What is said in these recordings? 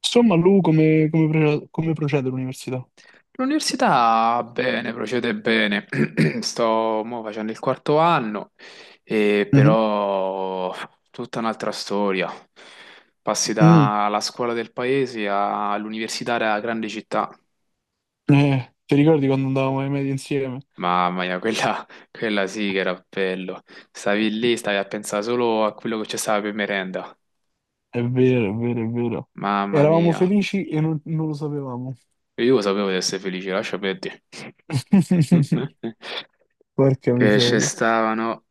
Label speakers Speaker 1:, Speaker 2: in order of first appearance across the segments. Speaker 1: Insomma, Lu, come procede l'università?
Speaker 2: L'università bene, procede bene. Sto mo facendo il quarto anno, e
Speaker 1: Mhm.
Speaker 2: però tutta un'altra storia. Passi
Speaker 1: Mm.
Speaker 2: dalla scuola del paese all'università della grande città.
Speaker 1: Ti ricordi quando andavamo ai medie insieme?
Speaker 2: Mamma mia, quella sì che era bello. Stavi lì, stavi a pensare solo a quello che c'è stava per merenda.
Speaker 1: È vero, è vero, è vero.
Speaker 2: Mamma
Speaker 1: Eravamo
Speaker 2: mia,
Speaker 1: felici e non lo sapevamo.
Speaker 2: io sapevo di essere felice, lascia perdere.
Speaker 1: Porca
Speaker 2: Che ci
Speaker 1: miseria.
Speaker 2: stavano.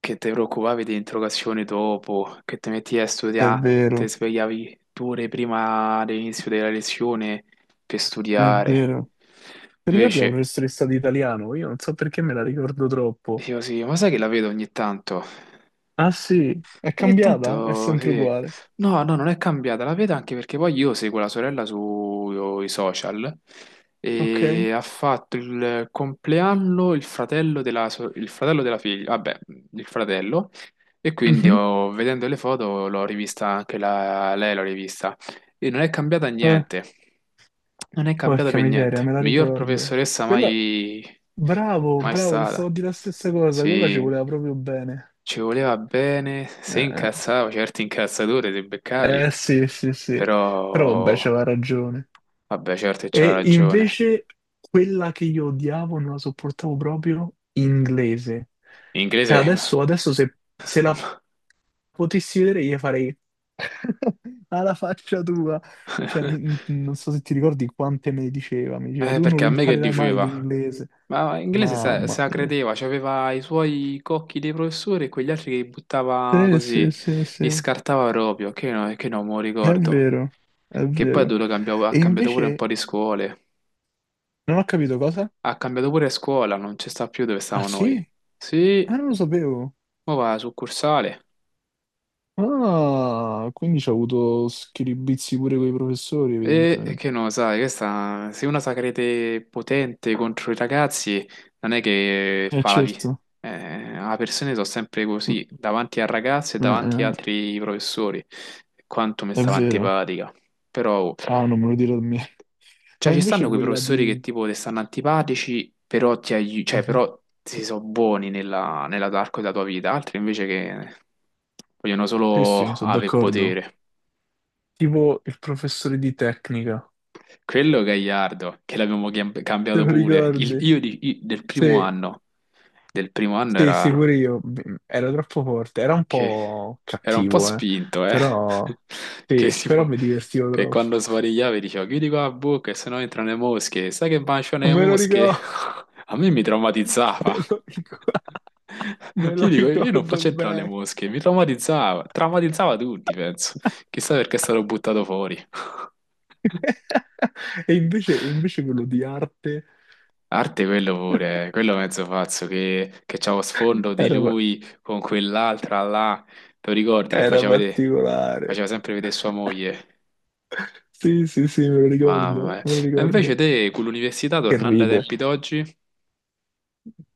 Speaker 2: Che ti preoccupavi di interrogazioni dopo, che ti metti a
Speaker 1: È
Speaker 2: studiare, ti
Speaker 1: vero,
Speaker 2: svegliavi 2 ore prima dell'inizio della lezione per
Speaker 1: è
Speaker 2: studiare.
Speaker 1: vero. Ti ricordi la
Speaker 2: Invece,
Speaker 1: professoressa di italiano? Io non so perché me la ricordo troppo.
Speaker 2: io sì, ma sai che la vedo ogni tanto?
Speaker 1: Ah sì, è
Speaker 2: Ogni
Speaker 1: cambiata? È
Speaker 2: tanto
Speaker 1: sempre
Speaker 2: sì.
Speaker 1: uguale.
Speaker 2: No, no, non è cambiata, la vedo anche perché poi io seguo la sorella sui social
Speaker 1: Ok.
Speaker 2: e ha fatto il compleanno il fratello della, so- il fratello della figlia, vabbè, il fratello, e quindi
Speaker 1: Mhm.
Speaker 2: ho- vedendo le foto l'ho rivista anche la- lei, l'ho rivista e non è cambiata
Speaker 1: Eh,
Speaker 2: niente, non è cambiata
Speaker 1: porca
Speaker 2: per
Speaker 1: miseria,
Speaker 2: niente.
Speaker 1: me la
Speaker 2: Miglior
Speaker 1: ricordo.
Speaker 2: professoressa
Speaker 1: Quella...
Speaker 2: mai,
Speaker 1: Bravo,
Speaker 2: mai
Speaker 1: bravo, ti
Speaker 2: stata.
Speaker 1: stavo a dire la stessa cosa, quella ci
Speaker 2: Sì,
Speaker 1: voleva proprio bene.
Speaker 2: ci voleva bene, se
Speaker 1: Eh,
Speaker 2: incazzava, certi incazzature se beccavi,
Speaker 1: sì, sì, sì, però vabbè,
Speaker 2: però
Speaker 1: c'aveva ragione.
Speaker 2: vabbè, certo che c'aveva
Speaker 1: E
Speaker 2: ragione.
Speaker 1: invece quella che io odiavo, non la sopportavo proprio, inglese.
Speaker 2: In
Speaker 1: Cioè
Speaker 2: inglese.
Speaker 1: adesso se la potessi vedere gli farei alla faccia tua. Non so se ti ricordi quante me ne diceva, mi diceva tu non
Speaker 2: Perché
Speaker 1: lo
Speaker 2: a me che
Speaker 1: imparerai mai
Speaker 2: diceva?
Speaker 1: l'inglese.
Speaker 2: Ma in inglese se,
Speaker 1: Mamma
Speaker 2: se la
Speaker 1: mia.
Speaker 2: credeva, c'aveva i suoi cocchi dei professori e quegli altri che buttava
Speaker 1: Sì, sì,
Speaker 2: così,
Speaker 1: sì,
Speaker 2: li
Speaker 1: sì.
Speaker 2: scartava proprio, che, no, che non me lo
Speaker 1: È
Speaker 2: ricordo.
Speaker 1: vero, è
Speaker 2: Che poi ha
Speaker 1: vero.
Speaker 2: dovuto cambiare, ha
Speaker 1: E
Speaker 2: cambiato pure un po'
Speaker 1: invece
Speaker 2: di scuole.
Speaker 1: non ho capito cosa?
Speaker 2: Ha cambiato pure scuola, non ci sta più dove
Speaker 1: Ah
Speaker 2: stavamo
Speaker 1: sì?
Speaker 2: noi.
Speaker 1: Ah,
Speaker 2: Sì,
Speaker 1: non lo sapevo.
Speaker 2: ma va, succursale.
Speaker 1: Ah, quindi ci ha avuto schiribizi pure con i professori,
Speaker 2: E
Speaker 1: evidentemente.
Speaker 2: che no, sai, questa, se una sa crede potente contro i ragazzi, non è che
Speaker 1: Eh
Speaker 2: fa la vita.
Speaker 1: certo,
Speaker 2: Le persone sono sempre così, davanti al ragazzo e
Speaker 1: mm,
Speaker 2: davanti agli
Speaker 1: eh,
Speaker 2: altri professori. Quanto mi
Speaker 1: è
Speaker 2: stava
Speaker 1: vero.
Speaker 2: antipatica. Però, oh,
Speaker 1: Ah, non me lo dire a me.
Speaker 2: cioè,
Speaker 1: Ma
Speaker 2: ci stanno
Speaker 1: invece
Speaker 2: quei
Speaker 1: quella
Speaker 2: professori che
Speaker 1: di...
Speaker 2: tipo ti stanno antipatici, però ti aiutano, cioè,
Speaker 1: Mhm.
Speaker 2: però si sono buoni nella, nell'arco della tua vita, altri invece che vogliono
Speaker 1: Sì,
Speaker 2: solo
Speaker 1: sì, sono
Speaker 2: avere
Speaker 1: d'accordo.
Speaker 2: potere.
Speaker 1: Tipo il professore di tecnica,
Speaker 2: Quello Gagliardo, che l'abbiamo chiam-
Speaker 1: te
Speaker 2: cambiato
Speaker 1: lo
Speaker 2: pure. Il-
Speaker 1: ricordi?
Speaker 2: io, di- i- del primo
Speaker 1: Sì,
Speaker 2: anno,
Speaker 1: sì, sì,
Speaker 2: era
Speaker 1: pure io. Mm, era troppo forte, era un
Speaker 2: che
Speaker 1: po'
Speaker 2: era un po'
Speaker 1: cattivo, eh.
Speaker 2: spinto, eh.
Speaker 1: Però,
Speaker 2: Che
Speaker 1: sì, però
Speaker 2: tipo,
Speaker 1: mi divertivo
Speaker 2: che
Speaker 1: troppo.
Speaker 2: quando svarigliava dicevo chiudi qua la bocca, e sennò entrano le mosche. Sai che baciano le
Speaker 1: Me lo
Speaker 2: mosche?
Speaker 1: ricordo,
Speaker 2: A me mi traumatizzava.
Speaker 1: me lo ricordo, me lo
Speaker 2: Io dico, io non
Speaker 1: ricordo
Speaker 2: faccio entrare le
Speaker 1: bene.
Speaker 2: mosche, mi traumatizzava, traumatizzava tutti, penso. Chissà perché è stato buttato fuori.
Speaker 1: E invece quello di arte
Speaker 2: Arte quello pure, quello mezzo pazzo che c'aveva sfondo di
Speaker 1: era, pa-
Speaker 2: lui con quell'altra là, te lo ricordi che
Speaker 1: era
Speaker 2: faceva vedere, faceva
Speaker 1: particolare.
Speaker 2: sempre vedere sua moglie,
Speaker 1: Sì, sì, sì, me lo
Speaker 2: mamma
Speaker 1: ricordo,
Speaker 2: mia.
Speaker 1: me lo
Speaker 2: Ma invece
Speaker 1: ricordo.
Speaker 2: te con l'università
Speaker 1: Che
Speaker 2: tornando ai
Speaker 1: ride.
Speaker 2: tempi d'oggi,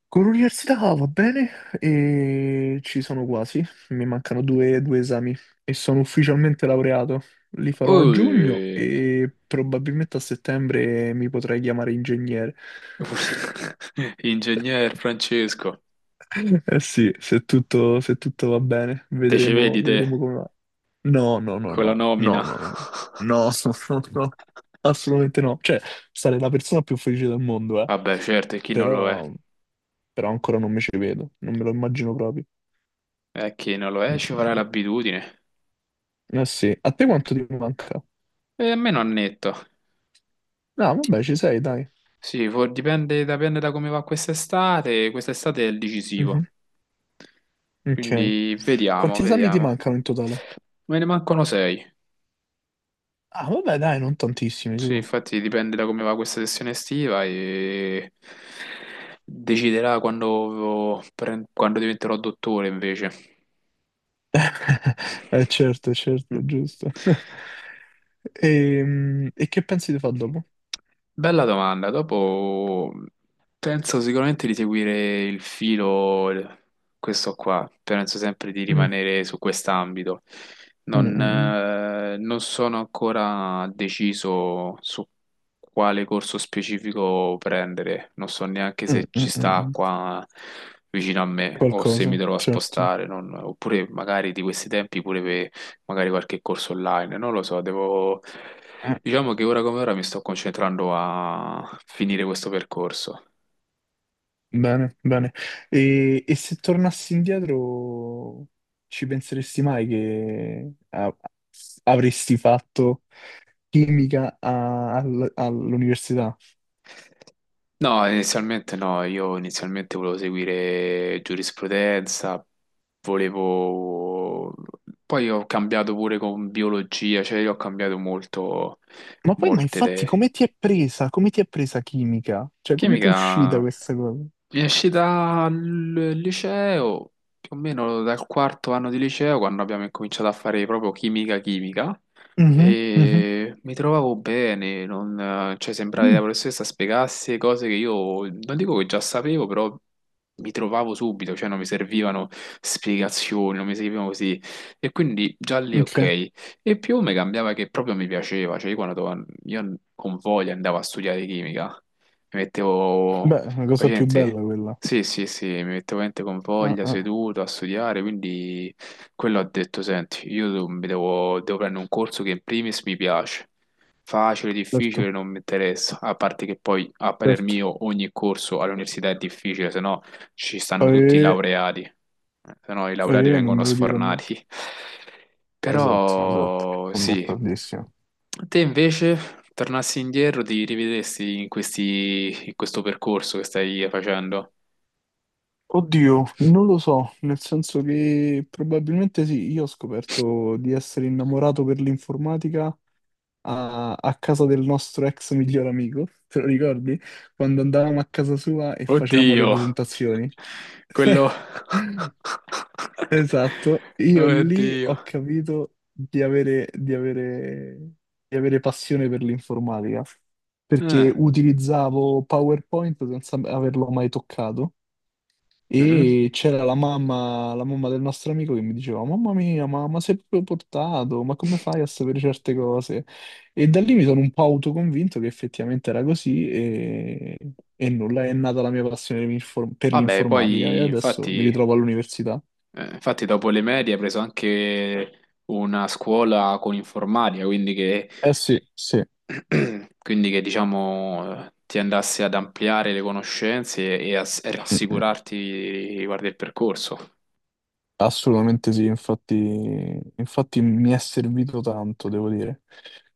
Speaker 1: Con l'università va bene e ci sono quasi, mi mancano due esami e sono ufficialmente laureato. Li farò a giugno
Speaker 2: ui,
Speaker 1: e probabilmente a settembre mi potrei chiamare ingegnere.
Speaker 2: ingegner Francesco,
Speaker 1: Eh sì, se tutto va bene,
Speaker 2: te ci
Speaker 1: vedremo,
Speaker 2: vedi te
Speaker 1: vedremo come va. No, no, no,
Speaker 2: con la
Speaker 1: no, no,
Speaker 2: nomina?
Speaker 1: no, no, no, no, no, assolutamente no. Cioè, sarei la persona più felice del mondo, eh.
Speaker 2: Vabbè certo, e chi non lo è?
Speaker 1: Però, però ancora non mi ci vedo, non me lo immagino proprio.
Speaker 2: E chi non lo è
Speaker 1: Mm.
Speaker 2: ci farà l'abitudine,
Speaker 1: Eh sì, a te quanto ti manca?
Speaker 2: e a me non netto.
Speaker 1: No, vabbè, ci sei, dai.
Speaker 2: Sì, for- dipende, dipende da come va quest'estate. Quest'estate è il decisivo,
Speaker 1: Mhm. Ok.
Speaker 2: quindi vediamo,
Speaker 1: Quanti esami ti
Speaker 2: vediamo.
Speaker 1: mancano in totale?
Speaker 2: Me ne mancano sei.
Speaker 1: Ah, vabbè, dai, non tantissimi,
Speaker 2: Sì,
Speaker 1: su.
Speaker 2: infatti dipende da come va questa sessione estiva e deciderà quando, pre- quando diventerò dottore invece.
Speaker 1: Eh certo, certo,
Speaker 2: Mm.
Speaker 1: giusto. Che pensi di fare dopo?
Speaker 2: Bella domanda. Dopo penso sicuramente di seguire il filo, questo qua. Penso sempre di
Speaker 1: Mm,
Speaker 2: rimanere su quest'ambito.
Speaker 1: mm,
Speaker 2: Non,
Speaker 1: mm,
Speaker 2: eh, non sono ancora deciso su quale corso specifico prendere. Non so neanche
Speaker 1: mm,
Speaker 2: se ci
Speaker 1: mm, mm,
Speaker 2: sta
Speaker 1: mm.
Speaker 2: qua vicino a me o se mi
Speaker 1: Qualcosa,
Speaker 2: dovrò
Speaker 1: certo.
Speaker 2: spostare. Non- oppure magari di questi tempi pure per magari qualche corso online. Non lo so, devo.
Speaker 1: Eh,
Speaker 2: Diciamo che ora come ora mi sto concentrando a finire questo percorso.
Speaker 1: bene, bene. E se tornassi indietro, ci penseresti mai che a- avresti fatto chimica all'università.
Speaker 2: No, inizialmente no, io inizialmente volevo seguire giurisprudenza, volevo... Poi ho cambiato pure con biologia, cioè io ho cambiato molto,
Speaker 1: Ma poi, ma
Speaker 2: molte
Speaker 1: infatti,
Speaker 2: idee.
Speaker 1: come ti è presa? Come ti è presa chimica? Cioè, come ti è uscita
Speaker 2: Chimica.
Speaker 1: questa cosa?
Speaker 2: Esci dal liceo, più o meno dal quarto anno di liceo, quando abbiamo incominciato a fare proprio chimica chimica,
Speaker 1: Mhm, mhm,
Speaker 2: e mi trovavo bene, non, cioè sembrava che la
Speaker 1: mm,
Speaker 2: professoressa spiegasse cose che io non dico che già sapevo, però mi trovavo subito, cioè non mi servivano spiegazioni, non mi servivano così. E quindi già lì
Speaker 1: ok.
Speaker 2: ok. E più mi cambiava che proprio mi piaceva, cioè io quando io con voglia andavo a studiare chimica, mi mettevo...
Speaker 1: Beh, è una cosa più
Speaker 2: Facente.
Speaker 1: bella quella.
Speaker 2: Sì, sì, sì, mi mettevo veramente con
Speaker 1: Ah,
Speaker 2: voglia,
Speaker 1: ah,
Speaker 2: seduto a studiare, quindi quello ho detto, senti, io devo, mi devo- devo prendere un corso che in primis mi piace, facile, difficile,
Speaker 1: certo,
Speaker 2: non mi interessa, a parte che poi a parer
Speaker 1: certo.
Speaker 2: mio ogni corso all'università è difficile, se no ci stanno tutti i
Speaker 1: Eh,
Speaker 2: laureati, se no i laureati
Speaker 1: non
Speaker 2: vengono
Speaker 1: me lo dire a me.
Speaker 2: sfornati.
Speaker 1: Esatto, esatto,
Speaker 2: Però
Speaker 1: sono
Speaker 2: sì,
Speaker 1: d'accordissimo.
Speaker 2: te invece tornassi indietro, ti rivedresti in questi, in questo percorso che stai facendo?
Speaker 1: Oddio, non lo so, nel senso che probabilmente sì, io ho scoperto di essere innamorato per l'informatica a casa del nostro ex miglior amico, te lo ricordi? Quando andavamo a casa sua e facevamo le
Speaker 2: Oddio,
Speaker 1: presentazioni.
Speaker 2: quello...
Speaker 1: Esatto, io lì
Speaker 2: Oddio.
Speaker 1: ho capito di avere passione per l'informatica, perché
Speaker 2: Eh,
Speaker 1: utilizzavo PowerPoint senza averlo mai toccato.
Speaker 2: mhm.
Speaker 1: E c'era la mamma del nostro amico che mi diceva: Mamma mia, ma sei proprio portato? Ma come fai a sapere certe cose? E da lì mi sono un po' autoconvinto che effettivamente era così, e nulla, è nata la mia passione per per
Speaker 2: Vabbè,
Speaker 1: l'informatica e
Speaker 2: poi
Speaker 1: adesso mi
Speaker 2: infatti,
Speaker 1: ritrovo all'università.
Speaker 2: infatti dopo le medie hai preso anche una scuola con informatica, quindi che,
Speaker 1: Eh sì, sì,
Speaker 2: quindi che diciamo ti andasse ad ampliare le conoscenze e a, e
Speaker 1: mm, mm,
Speaker 2: rassicurarti riguardo il percorso.
Speaker 1: assolutamente sì, infatti, infatti mi è servito tanto, devo dire.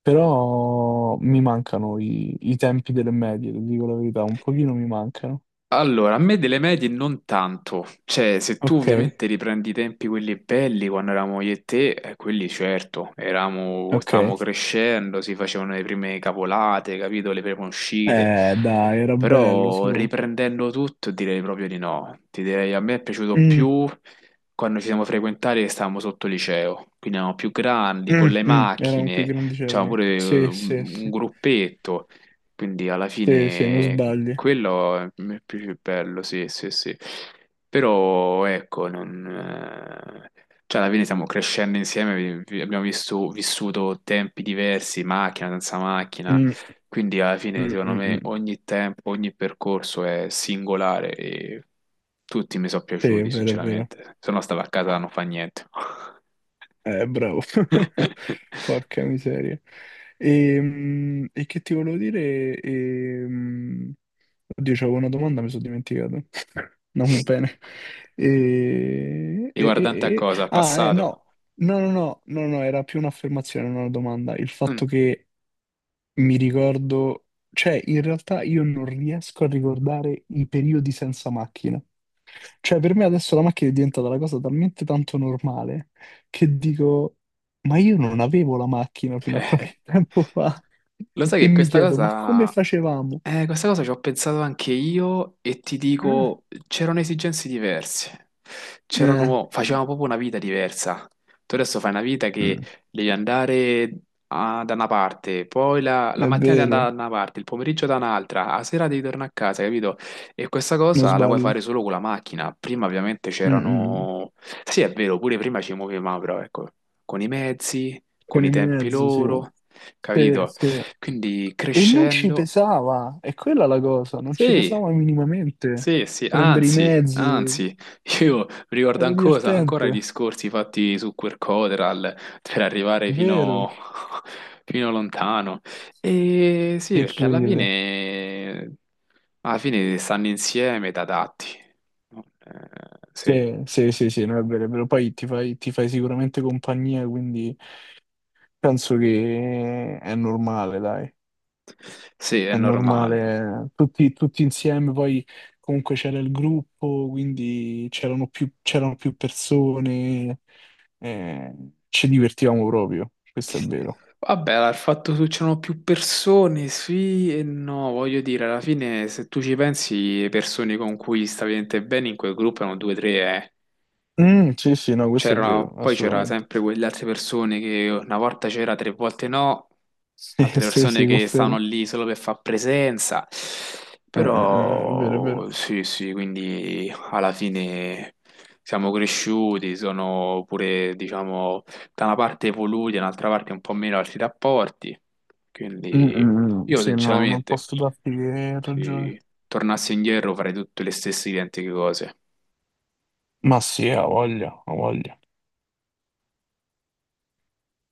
Speaker 1: Però mi mancano i tempi delle medie, ti dico la verità, un pochino mi mancano.
Speaker 2: Allora, a me delle medie non tanto, cioè se tu
Speaker 1: Ok,
Speaker 2: ovviamente riprendi i tempi quelli belli quando eravamo io e te, quelli certo, eravamo,
Speaker 1: ok.
Speaker 2: stavamo crescendo, si facevano le prime capolate, capito, le prime uscite,
Speaker 1: Dai, era bello
Speaker 2: però
Speaker 1: su.
Speaker 2: riprendendo tutto direi proprio di no, ti direi a me è piaciuto
Speaker 1: Mm,
Speaker 2: più quando ci siamo frequentati e stavamo sotto liceo, quindi eravamo più grandi,
Speaker 1: mm,
Speaker 2: con le
Speaker 1: mm, erano più
Speaker 2: macchine, c'avevamo
Speaker 1: grandicelli.
Speaker 2: pure
Speaker 1: Sì,
Speaker 2: un
Speaker 1: sì, sì.
Speaker 2: gruppetto. Quindi alla
Speaker 1: Sì, sì, non
Speaker 2: fine
Speaker 1: sbagli.
Speaker 2: quello è il più bello, sì, sì, sì. Però ecco, non, cioè alla fine stiamo crescendo insieme, vi- vi- abbiamo visto- vissuto tempi diversi, macchina senza macchina,
Speaker 1: Mm,
Speaker 2: quindi alla fine
Speaker 1: mm,
Speaker 2: secondo
Speaker 1: mm,
Speaker 2: me
Speaker 1: mm.
Speaker 2: ogni tempo, ogni percorso è singolare e tutti mi sono
Speaker 1: Sì, è
Speaker 2: piaciuti,
Speaker 1: vero, è vero.
Speaker 2: sinceramente. Se no stavo a casa non fa niente.
Speaker 1: Bravo. Porca miseria. E che ti volevo dire? Mm, oddio, c'avevo una domanda, mi sono dimenticato. Non bene. E, e- e-
Speaker 2: Riguardante a cosa? Al
Speaker 1: Ah,
Speaker 2: passato?
Speaker 1: no. No, no, no, no, no, era più un'affermazione, non una domanda. Il
Speaker 2: Mm.
Speaker 1: fatto che mi ricordo, cioè, in realtà io non riesco a ricordare i periodi senza macchina. Cioè, per me adesso la macchina è diventata una cosa talmente tanto normale che dico, ma io non avevo la macchina fino a
Speaker 2: Eh.
Speaker 1: qualche tempo fa.
Speaker 2: Lo sai
Speaker 1: E
Speaker 2: che
Speaker 1: mi
Speaker 2: questa
Speaker 1: chiedo, ma come
Speaker 2: cosa
Speaker 1: facevamo?
Speaker 2: ci ho pensato anche io e ti
Speaker 1: Eh,
Speaker 2: dico, c'erano esigenze diverse,
Speaker 1: eh,
Speaker 2: c'erano, facevamo proprio una vita diversa. Tu adesso fai una vita che
Speaker 1: mm,
Speaker 2: devi andare a- da una parte, poi la, la
Speaker 1: è
Speaker 2: mattina devi
Speaker 1: vero,
Speaker 2: andare da una parte, il pomeriggio da un'altra, la sera devi tornare a casa, capito? E questa
Speaker 1: non
Speaker 2: cosa la puoi
Speaker 1: sbagli.
Speaker 2: fare solo con la macchina. Prima ovviamente
Speaker 1: Mm, mm.
Speaker 2: c'erano... Sì, è vero, pure prima ci muovevamo, però ecco, con i mezzi, con
Speaker 1: Con
Speaker 2: i
Speaker 1: i
Speaker 2: tempi
Speaker 1: mezzi, sì.
Speaker 2: loro,
Speaker 1: Sì,
Speaker 2: capito?
Speaker 1: sì.
Speaker 2: Quindi
Speaker 1: E non ci
Speaker 2: crescendo...
Speaker 1: pesava, è quella la cosa, non ci
Speaker 2: Sì,
Speaker 1: pesava minimamente.
Speaker 2: sì, sì,
Speaker 1: Prendere i
Speaker 2: anzi,
Speaker 1: mezzi,
Speaker 2: anzi, io
Speaker 1: era
Speaker 2: ricordo ancora
Speaker 1: divertente,
Speaker 2: i discorsi fatti su Quercoteral per arrivare fino,
Speaker 1: vero?
Speaker 2: fino lontano. E sì,
Speaker 1: Che
Speaker 2: perché
Speaker 1: ride.
Speaker 2: alla fine stanno insieme da adatti. No? Sì,
Speaker 1: Sì, sì, sì, sì, no, è vero, è vero. Poi ti fai sicuramente compagnia, quindi penso che è normale, dai,
Speaker 2: sì, è
Speaker 1: è
Speaker 2: normale.
Speaker 1: normale. Tutti, tutti insieme, poi comunque c'era il gruppo, quindi c'erano più persone, eh, ci divertivamo proprio, questo è vero.
Speaker 2: Vabbè, il fatto che c'erano più persone, sì e no, voglio dire, alla fine se tu ci pensi, le persone con cui stavi veramente bene in quel gruppo erano due o tre, eh.
Speaker 1: Mm, sì, sì, no, questo è
Speaker 2: C'era,
Speaker 1: vero,
Speaker 2: poi c'era
Speaker 1: assolutamente.
Speaker 2: sempre quelle altre persone che una volta c'era, tre volte no,
Speaker 1: Sì,
Speaker 2: altre
Speaker 1: sì,
Speaker 2: persone
Speaker 1: sì,
Speaker 2: che stanno
Speaker 1: confermo.
Speaker 2: lì solo per far presenza.
Speaker 1: È vero, è
Speaker 2: Però
Speaker 1: vero.
Speaker 2: sì, sì, quindi alla fine siamo cresciuti, sono pure, diciamo, da una parte evoluti, dall'altra parte un po' meno altri rapporti.
Speaker 1: Mm,
Speaker 2: Quindi
Speaker 1: mm, mm,
Speaker 2: io
Speaker 1: sì, no, non
Speaker 2: sinceramente,
Speaker 1: posso darti che ragione.
Speaker 2: se tornassi indietro farei tutte le stesse identiche cose.
Speaker 1: Ma sì, ha voglia, ha voglia.